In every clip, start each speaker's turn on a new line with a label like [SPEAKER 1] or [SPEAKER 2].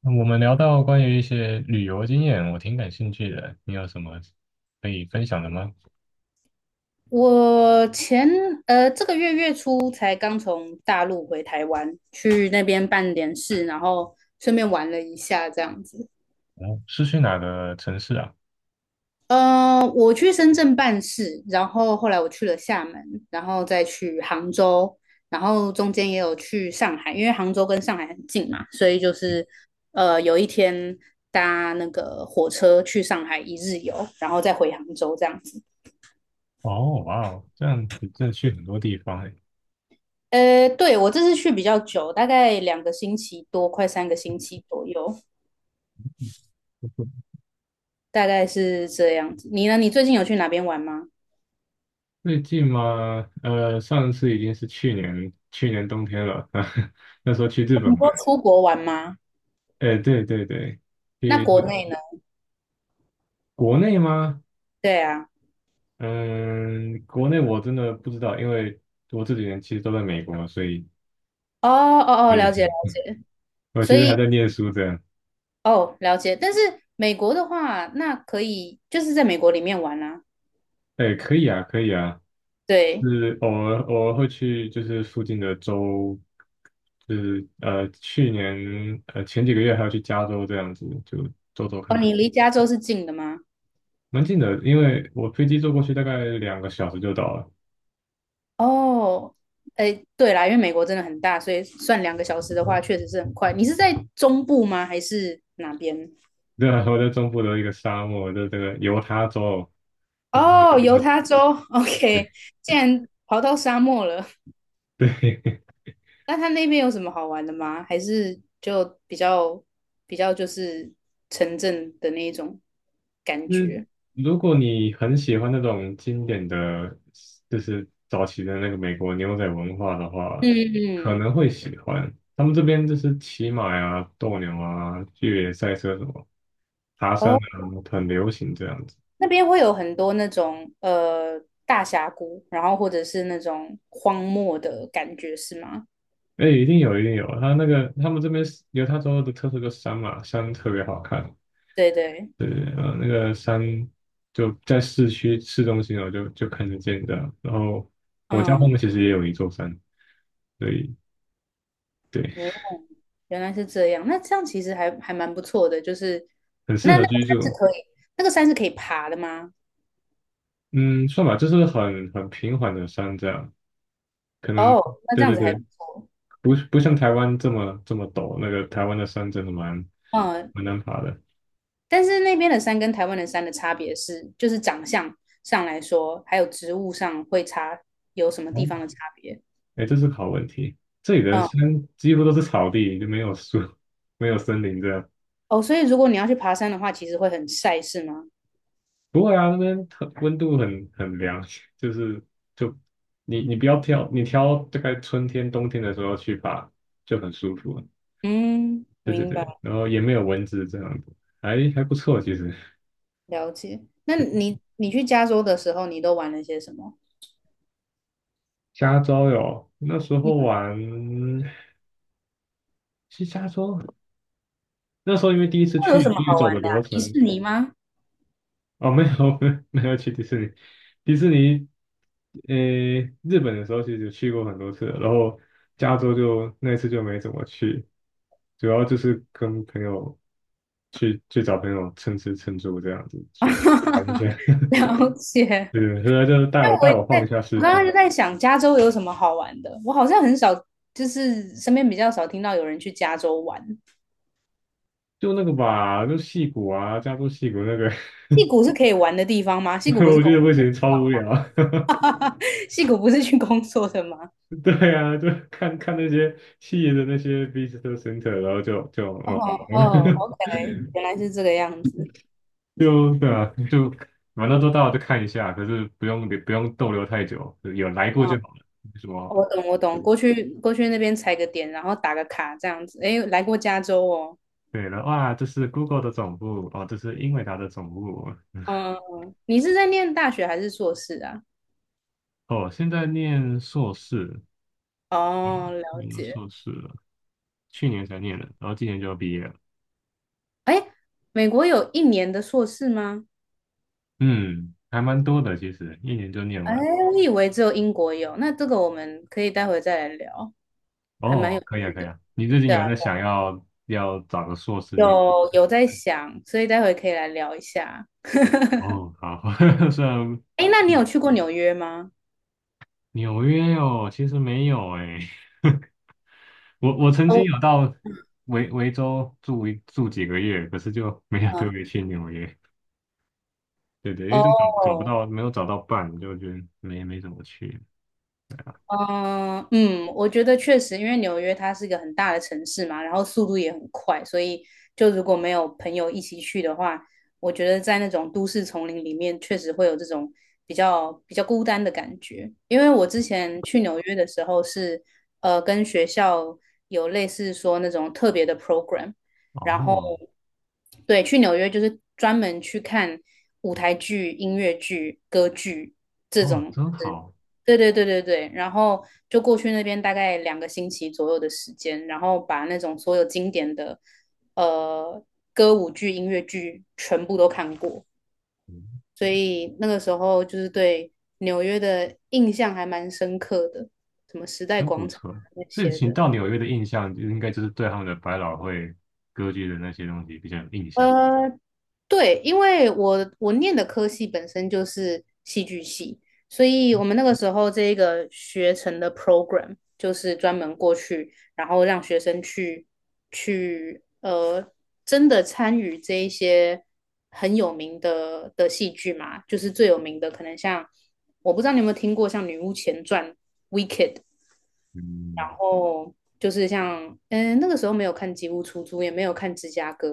[SPEAKER 1] 那我们聊到关于一些旅游经验，我挺感兴趣的。你有什么可以分享的吗？
[SPEAKER 2] 我前这个月月初才刚从大陆回台湾，去那边办点事，然后顺便玩了一下这样子。
[SPEAKER 1] 哦，是去哪个城市啊？
[SPEAKER 2] 我去深圳办事，然后后来我去了厦门，然后再去杭州，然后中间也有去上海，因为杭州跟上海很近嘛，所以就是,有一天搭那个火车去上海一日游，然后再回杭州这样子。
[SPEAKER 1] 哦，哇哦，这样子真的去很多地方诶。
[SPEAKER 2] 对，我这次去比较久，大概两个星期多，快三个星期左右，大概是这样子。你呢？你最近有去哪边玩吗？
[SPEAKER 1] 最近嘛，上次已经是去年冬天了，那时候去日本
[SPEAKER 2] 你说
[SPEAKER 1] 玩。
[SPEAKER 2] 出国玩吗？
[SPEAKER 1] 哎，对对对，
[SPEAKER 2] 那
[SPEAKER 1] 去
[SPEAKER 2] 国
[SPEAKER 1] 日本。
[SPEAKER 2] 内呢？
[SPEAKER 1] 国内吗？
[SPEAKER 2] 对啊。
[SPEAKER 1] 嗯，国内我真的不知道，因为我这几年其实都在美国，所以
[SPEAKER 2] 哦哦哦，了解了
[SPEAKER 1] 对，
[SPEAKER 2] 解。
[SPEAKER 1] 我
[SPEAKER 2] 所
[SPEAKER 1] 其实还
[SPEAKER 2] 以
[SPEAKER 1] 在念书这样。
[SPEAKER 2] 哦，了解。但是美国的话，那可以就是在美国里面玩啦。
[SPEAKER 1] 哎，可以啊，可以啊。
[SPEAKER 2] 对。
[SPEAKER 1] 是偶尔会去，就是附近的州，就是去年前几个月还要去加州这样子，就走走
[SPEAKER 2] 哦，
[SPEAKER 1] 看看。
[SPEAKER 2] 你离加州是近的吗？
[SPEAKER 1] 蛮近的，因为我飞机坐过去大概两个小时就到了。
[SPEAKER 2] 哦，哎，对啦，因为美国真的很大，所以算两个小时的话，确实是很快。你是在中部吗？还是哪边？
[SPEAKER 1] 对啊，我在中部的一个沙漠，在这个犹他州，就这么
[SPEAKER 2] 哦，犹
[SPEAKER 1] 近。
[SPEAKER 2] 他州
[SPEAKER 1] 对
[SPEAKER 2] ，OK，竟然跑到沙漠了。
[SPEAKER 1] 对，
[SPEAKER 2] 那他那边有什么好玩的吗？还是就比较就是城镇的那一种感觉？
[SPEAKER 1] 如果你很喜欢那种经典的，就是早期的那个美国牛仔文化的
[SPEAKER 2] 嗯
[SPEAKER 1] 话，可
[SPEAKER 2] 嗯。
[SPEAKER 1] 能会喜欢。他们这边就是骑马呀、斗牛啊、越野赛车什么、爬山啊，
[SPEAKER 2] 哦，
[SPEAKER 1] 很流行这样子。
[SPEAKER 2] 那边会有很多那种大峡谷，然后或者是那种荒漠的感觉，是吗？
[SPEAKER 1] 哎，一定有，一定有。他那个他们这边有，犹他州的特色就是山嘛，山特别好看。
[SPEAKER 2] 对对。
[SPEAKER 1] 对，那个山就在市中心哦，就看得见的。然后我家后
[SPEAKER 2] 嗯。
[SPEAKER 1] 面其实也有一座山，所以对。
[SPEAKER 2] 哦，原来是这样。那这样其实还蛮不错的，就是
[SPEAKER 1] 很适
[SPEAKER 2] 那那
[SPEAKER 1] 合
[SPEAKER 2] 个
[SPEAKER 1] 居
[SPEAKER 2] 山是
[SPEAKER 1] 住。
[SPEAKER 2] 可以，那个山是可以爬的吗？
[SPEAKER 1] 嗯，算吧，就是很平缓的山这样，可能
[SPEAKER 2] 哦，那
[SPEAKER 1] 对
[SPEAKER 2] 这样
[SPEAKER 1] 对
[SPEAKER 2] 子还不
[SPEAKER 1] 对，
[SPEAKER 2] 错。
[SPEAKER 1] 不像台湾这么陡，那个台湾的山真的蛮
[SPEAKER 2] 嗯，
[SPEAKER 1] 蛮难爬的。
[SPEAKER 2] 但是那边的山跟台湾的山的差别是，就是长相上来说，还有植物上会差，有什么
[SPEAKER 1] 哦，
[SPEAKER 2] 地方的差别？
[SPEAKER 1] 哎，这是个好问题，这里的
[SPEAKER 2] 嗯。
[SPEAKER 1] 山几乎都是草地，就没有树，没有森林这样。
[SPEAKER 2] 哦，所以如果你要去爬山的话，其实会很晒，是吗？
[SPEAKER 1] 不会啊，那边很温度很凉，就是就你你不要挑，你挑大概春天冬天的时候去爬就很舒服了。
[SPEAKER 2] 嗯，
[SPEAKER 1] 对对
[SPEAKER 2] 明白，
[SPEAKER 1] 对，然后也没有蚊子这样子，还还不错其实。
[SPEAKER 2] 了解。那你去加州的时候，你都玩了些什么？
[SPEAKER 1] 加州有，那时候
[SPEAKER 2] 嗯，
[SPEAKER 1] 玩去加州，那时候因为第一次
[SPEAKER 2] 会有
[SPEAKER 1] 去，
[SPEAKER 2] 什么
[SPEAKER 1] 去
[SPEAKER 2] 好
[SPEAKER 1] 走
[SPEAKER 2] 玩
[SPEAKER 1] 的
[SPEAKER 2] 的啊，
[SPEAKER 1] 流
[SPEAKER 2] 迪
[SPEAKER 1] 程。
[SPEAKER 2] 士尼吗？
[SPEAKER 1] 哦，没有。 没有没有去迪士尼，迪士尼，呃，日本的时候其实去过很多次了，然后加州就那次就没怎么去，主要就是跟朋友去去找朋友蹭吃蹭住这样子去。
[SPEAKER 2] 了解。
[SPEAKER 1] 对，所以他就带
[SPEAKER 2] 因
[SPEAKER 1] 我
[SPEAKER 2] 为我
[SPEAKER 1] 带
[SPEAKER 2] 也
[SPEAKER 1] 我晃一
[SPEAKER 2] 在，
[SPEAKER 1] 下
[SPEAKER 2] 我
[SPEAKER 1] 市
[SPEAKER 2] 刚刚
[SPEAKER 1] 区，
[SPEAKER 2] 就在想加州有什么好玩的。我好像很少，就是身边比较少听到有人去加州玩。
[SPEAKER 1] 就那个吧，就戏谷啊，加州戏谷那个。
[SPEAKER 2] 戏谷是可以玩的地方吗？戏谷不是
[SPEAKER 1] 我
[SPEAKER 2] 工
[SPEAKER 1] 觉得不
[SPEAKER 2] 作的
[SPEAKER 1] 行，超无聊。
[SPEAKER 2] 地方吗？戏谷不是去工作的吗？
[SPEAKER 1] 对啊，就看看那些细的那些 visitor center,然后
[SPEAKER 2] 哦
[SPEAKER 1] 哦，好。
[SPEAKER 2] 哦，OK，原来是这个样子。
[SPEAKER 1] 就对啊，就反正都到了就看一下，可是不用逗留太久，有来过就
[SPEAKER 2] 哦，
[SPEAKER 1] 好了。什么
[SPEAKER 2] 我懂我懂，过去过去那边踩个点，然后打个卡这样子。诶，来过加州哦。
[SPEAKER 1] 对了，哇，这是 Google 的总部，哦，这是英伟达的总部。
[SPEAKER 2] 嗯，你是在念大学还是硕士啊？
[SPEAKER 1] 哦，现在念硕士，
[SPEAKER 2] 哦，了
[SPEAKER 1] 念了
[SPEAKER 2] 解。
[SPEAKER 1] 硕士了，去年才念的，然后今年就要毕业了。
[SPEAKER 2] 诶，美国有一年的硕士吗？
[SPEAKER 1] 嗯，还蛮多的，其实一年就念
[SPEAKER 2] 哎，
[SPEAKER 1] 完。
[SPEAKER 2] 我以为只有英国有，那这个我们可以待会再来聊，还蛮有
[SPEAKER 1] 哦，可以啊，
[SPEAKER 2] 趣
[SPEAKER 1] 可以
[SPEAKER 2] 的。
[SPEAKER 1] 啊。你最近
[SPEAKER 2] 对啊，
[SPEAKER 1] 有在想要找个硕士念？
[SPEAKER 2] 有在想，所以待会可以来聊一下。
[SPEAKER 1] 哦，好，虽然
[SPEAKER 2] 哎，那你有去过纽约吗？
[SPEAKER 1] 纽约哦，其实没有诶，我曾经
[SPEAKER 2] 哦。
[SPEAKER 1] 有到维州住几个月，可是就没有特
[SPEAKER 2] 嗯。
[SPEAKER 1] 别去纽约。对对，因为就找
[SPEAKER 2] 哦。
[SPEAKER 1] 找不到，没有找到伴，就觉得没怎么去。对啊，
[SPEAKER 2] 嗯嗯，我觉得确实，因为纽约它是一个很大的城市嘛，然后速度也很快，所以就如果没有朋友一起去的话，我觉得在那种都市丛林里面，确实会有这种比较孤单的感觉。因为我之前去纽约的时候是，跟学校有类似说那种特别的 program，然后
[SPEAKER 1] 哦
[SPEAKER 2] 对，去纽约就是专门去看舞台剧、音乐剧、歌剧这
[SPEAKER 1] 哦，
[SPEAKER 2] 种。
[SPEAKER 1] 真好，
[SPEAKER 2] 对对对对对，然后就过去那边大概两个星期左右的时间，然后把那种所有经典的呃歌舞剧、音乐剧全部都看过，
[SPEAKER 1] 嗯，
[SPEAKER 2] 所以那个时候就是对纽约的印象还蛮深刻的，什么时代
[SPEAKER 1] 真不
[SPEAKER 2] 广场
[SPEAKER 1] 错。
[SPEAKER 2] 那
[SPEAKER 1] 所以
[SPEAKER 2] 些
[SPEAKER 1] 请
[SPEAKER 2] 的。
[SPEAKER 1] 到纽约的印象，就应该就是对他们的百老汇歌剧的那些东西比较有印象。
[SPEAKER 2] 呃，对，因为我念的科系本身就是戏剧系，所以我们那个时候这个学程的 program 就是专门过去，然后让学生去真的参与这一些很有名的的戏剧嘛，就是最有名的可能像，我不知道你有没有听过像《女巫前传》《Wicked》，然
[SPEAKER 1] 嗯
[SPEAKER 2] 后就是像嗯那个时候没有看《吉屋出租》，也没有看《芝加哥》，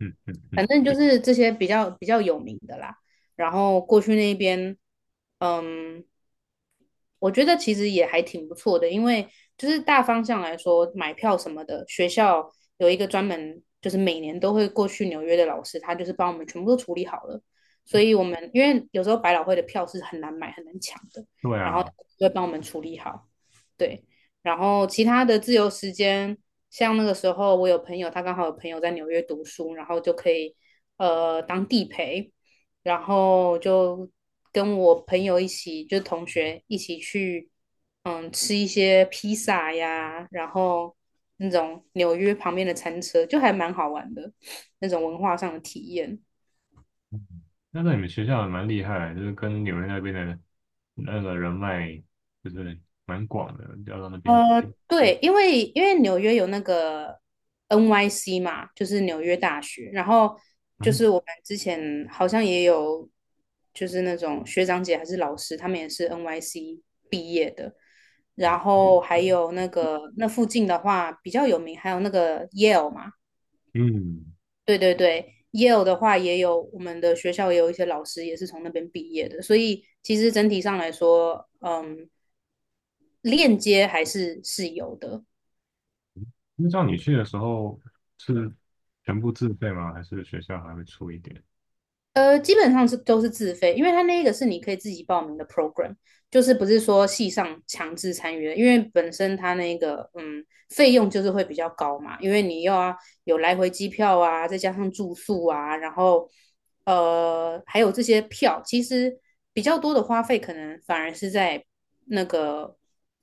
[SPEAKER 1] 嗯嗯嗯，
[SPEAKER 2] 反正就是这些比较有名的啦。然后过去那边，嗯，我觉得其实也还挺不错的，因为就是大方向来说，买票什么的，学校有一个专门就是每年都会过去纽约的老师，他就是帮我们全部都处理好了。所以我们因为有时候百老汇的票是很难买、很难抢的，
[SPEAKER 1] 对
[SPEAKER 2] 然后
[SPEAKER 1] 啊。
[SPEAKER 2] 就会帮我们处理好。对，然后其他的自由时间，像那个时候我有朋友，他刚好有朋友在纽约读书，然后就可以当地陪，然后就跟我朋友一起，就同学一起去，嗯，吃一些披萨呀，然后那种纽约旁边的餐车，就还蛮好玩的那种文化上的体验。
[SPEAKER 1] 嗯那在你们学校也蛮厉害，就是跟纽约那边的那个人脉，就是蛮广的，调到那边去。
[SPEAKER 2] 对，因为纽约有那个 NYC 嘛，就是纽约大学，然后就
[SPEAKER 1] 嗯
[SPEAKER 2] 是我们之前好像也有，就是那种学长姐还是老师，他们也是 NYC 毕业的，然后还有那个那附近的话比较有名，还有那个 Yale 嘛，
[SPEAKER 1] 嗯，
[SPEAKER 2] 对对对，Yale 的话也有，我们的学校也有一些老师也是从那边毕业的，所以其实整体上来说，嗯，链接还是是有的。
[SPEAKER 1] 那像你去的时候是全部自费吗？还是学校还会出一点？
[SPEAKER 2] 基本上都是自费，因为它那个是你可以自己报名的 program，就是不是说系上强制参与的，因为本身它那个费用就是会比较高嘛，因为你又要有来回机票啊，再加上住宿啊，然后还有这些票，其实比较多的花费可能反而是在那个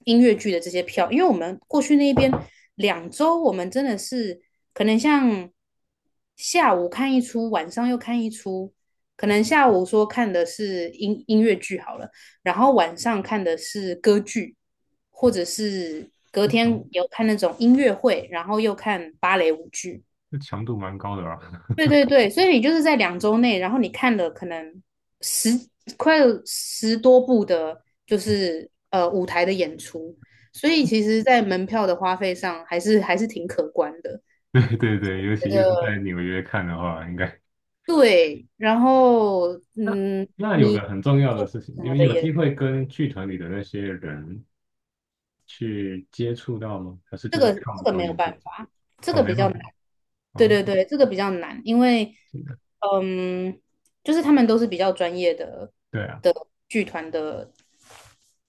[SPEAKER 2] 音乐剧的这些票，因为我们过去那边两周，我们真的是可能像下午看一出，晚上又看一出。可能下午说看的是音乐剧好了，然后晚上看的是歌剧，或者是隔
[SPEAKER 1] 这强
[SPEAKER 2] 天有看那种音乐会，然后又看芭蕾舞剧。
[SPEAKER 1] 这强度蛮高的啊。
[SPEAKER 2] 对对对，所以你就是在两周内，然后你看了可能十快有十多部的，就是舞台的演出，所以其实，在门票的花费上还是挺可观的。
[SPEAKER 1] 对对对，尤
[SPEAKER 2] 觉
[SPEAKER 1] 其又是在
[SPEAKER 2] 得
[SPEAKER 1] 纽约看的话，应该。
[SPEAKER 2] 对，然后
[SPEAKER 1] 那
[SPEAKER 2] 嗯，
[SPEAKER 1] 那有个
[SPEAKER 2] 你
[SPEAKER 1] 很重要的
[SPEAKER 2] 做
[SPEAKER 1] 事情，
[SPEAKER 2] 什
[SPEAKER 1] 你
[SPEAKER 2] 么
[SPEAKER 1] 们
[SPEAKER 2] 的
[SPEAKER 1] 有
[SPEAKER 2] 也
[SPEAKER 1] 机会跟剧团里的那些人去接触到吗？还是
[SPEAKER 2] 这
[SPEAKER 1] 就是
[SPEAKER 2] 个
[SPEAKER 1] 看我们表
[SPEAKER 2] 没有
[SPEAKER 1] 演就
[SPEAKER 2] 办
[SPEAKER 1] 走？
[SPEAKER 2] 法，这
[SPEAKER 1] 哦，
[SPEAKER 2] 个
[SPEAKER 1] 没
[SPEAKER 2] 比较
[SPEAKER 1] 办法。
[SPEAKER 2] 难。对
[SPEAKER 1] 哦，
[SPEAKER 2] 对对，这个比较难，因为
[SPEAKER 1] 这个
[SPEAKER 2] 嗯，就是他们都是比较专业的
[SPEAKER 1] 对啊。
[SPEAKER 2] 的剧团的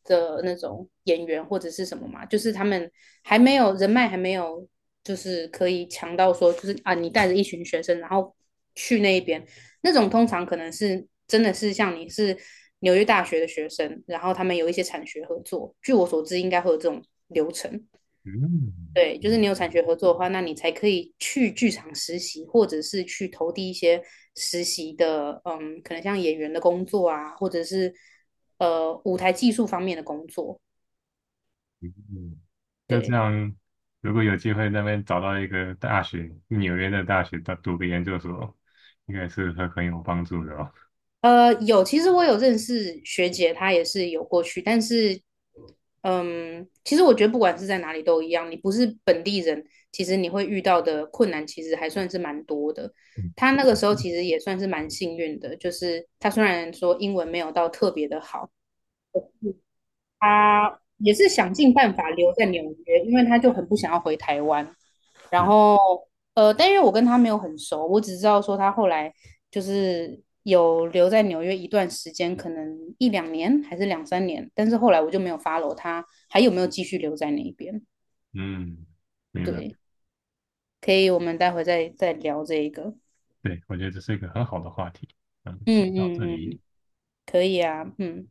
[SPEAKER 2] 那种演员或者是什么嘛，就是他们还没有人脉，还没有就是可以强到说，就是啊，你带着一群学生，然后去那一边，那种通常可能是真的是像你是纽约大学的学生，然后他们有一些产学合作，据我所知应该会有这种流程，
[SPEAKER 1] 嗯，
[SPEAKER 2] 对，就是你有产学合作的话，那你才可以去剧场实习，或者是去投递一些实习的，嗯，可能像演员的工作啊，或者是舞台技术方面的工作。
[SPEAKER 1] 嗯,那这
[SPEAKER 2] 对，
[SPEAKER 1] 样，如果有机会在那边找到一个大学，纽约的大学，读读个研究所，应该是会很有帮助的哦。
[SPEAKER 2] 有，其实我有认识学姐，她也是有过去，但是，嗯，其实我觉得不管是在哪里都一样，你不是本地人，其实你会遇到的困难其实还算是蛮多的。
[SPEAKER 1] 嗯，
[SPEAKER 2] 她那个时候其实也算是蛮幸运的，就是她虽然说英文没有到特别的好。他也是想尽办法留在纽约，因为他就很不想要回台湾。然
[SPEAKER 1] 是，
[SPEAKER 2] 后，但因为我跟他没有很熟，我只知道说他后来就是有留在纽约一段时间，可能一两年还是两三年，但是后来我就没有 follow 他还有没有继续留在那边。
[SPEAKER 1] 嗯，明白。
[SPEAKER 2] 对，可以，我们待会再聊这一个。
[SPEAKER 1] 对，我觉得这是一个很好的话题。嗯，先
[SPEAKER 2] 嗯
[SPEAKER 1] 到
[SPEAKER 2] 嗯
[SPEAKER 1] 这里。
[SPEAKER 2] 嗯，可以啊，嗯。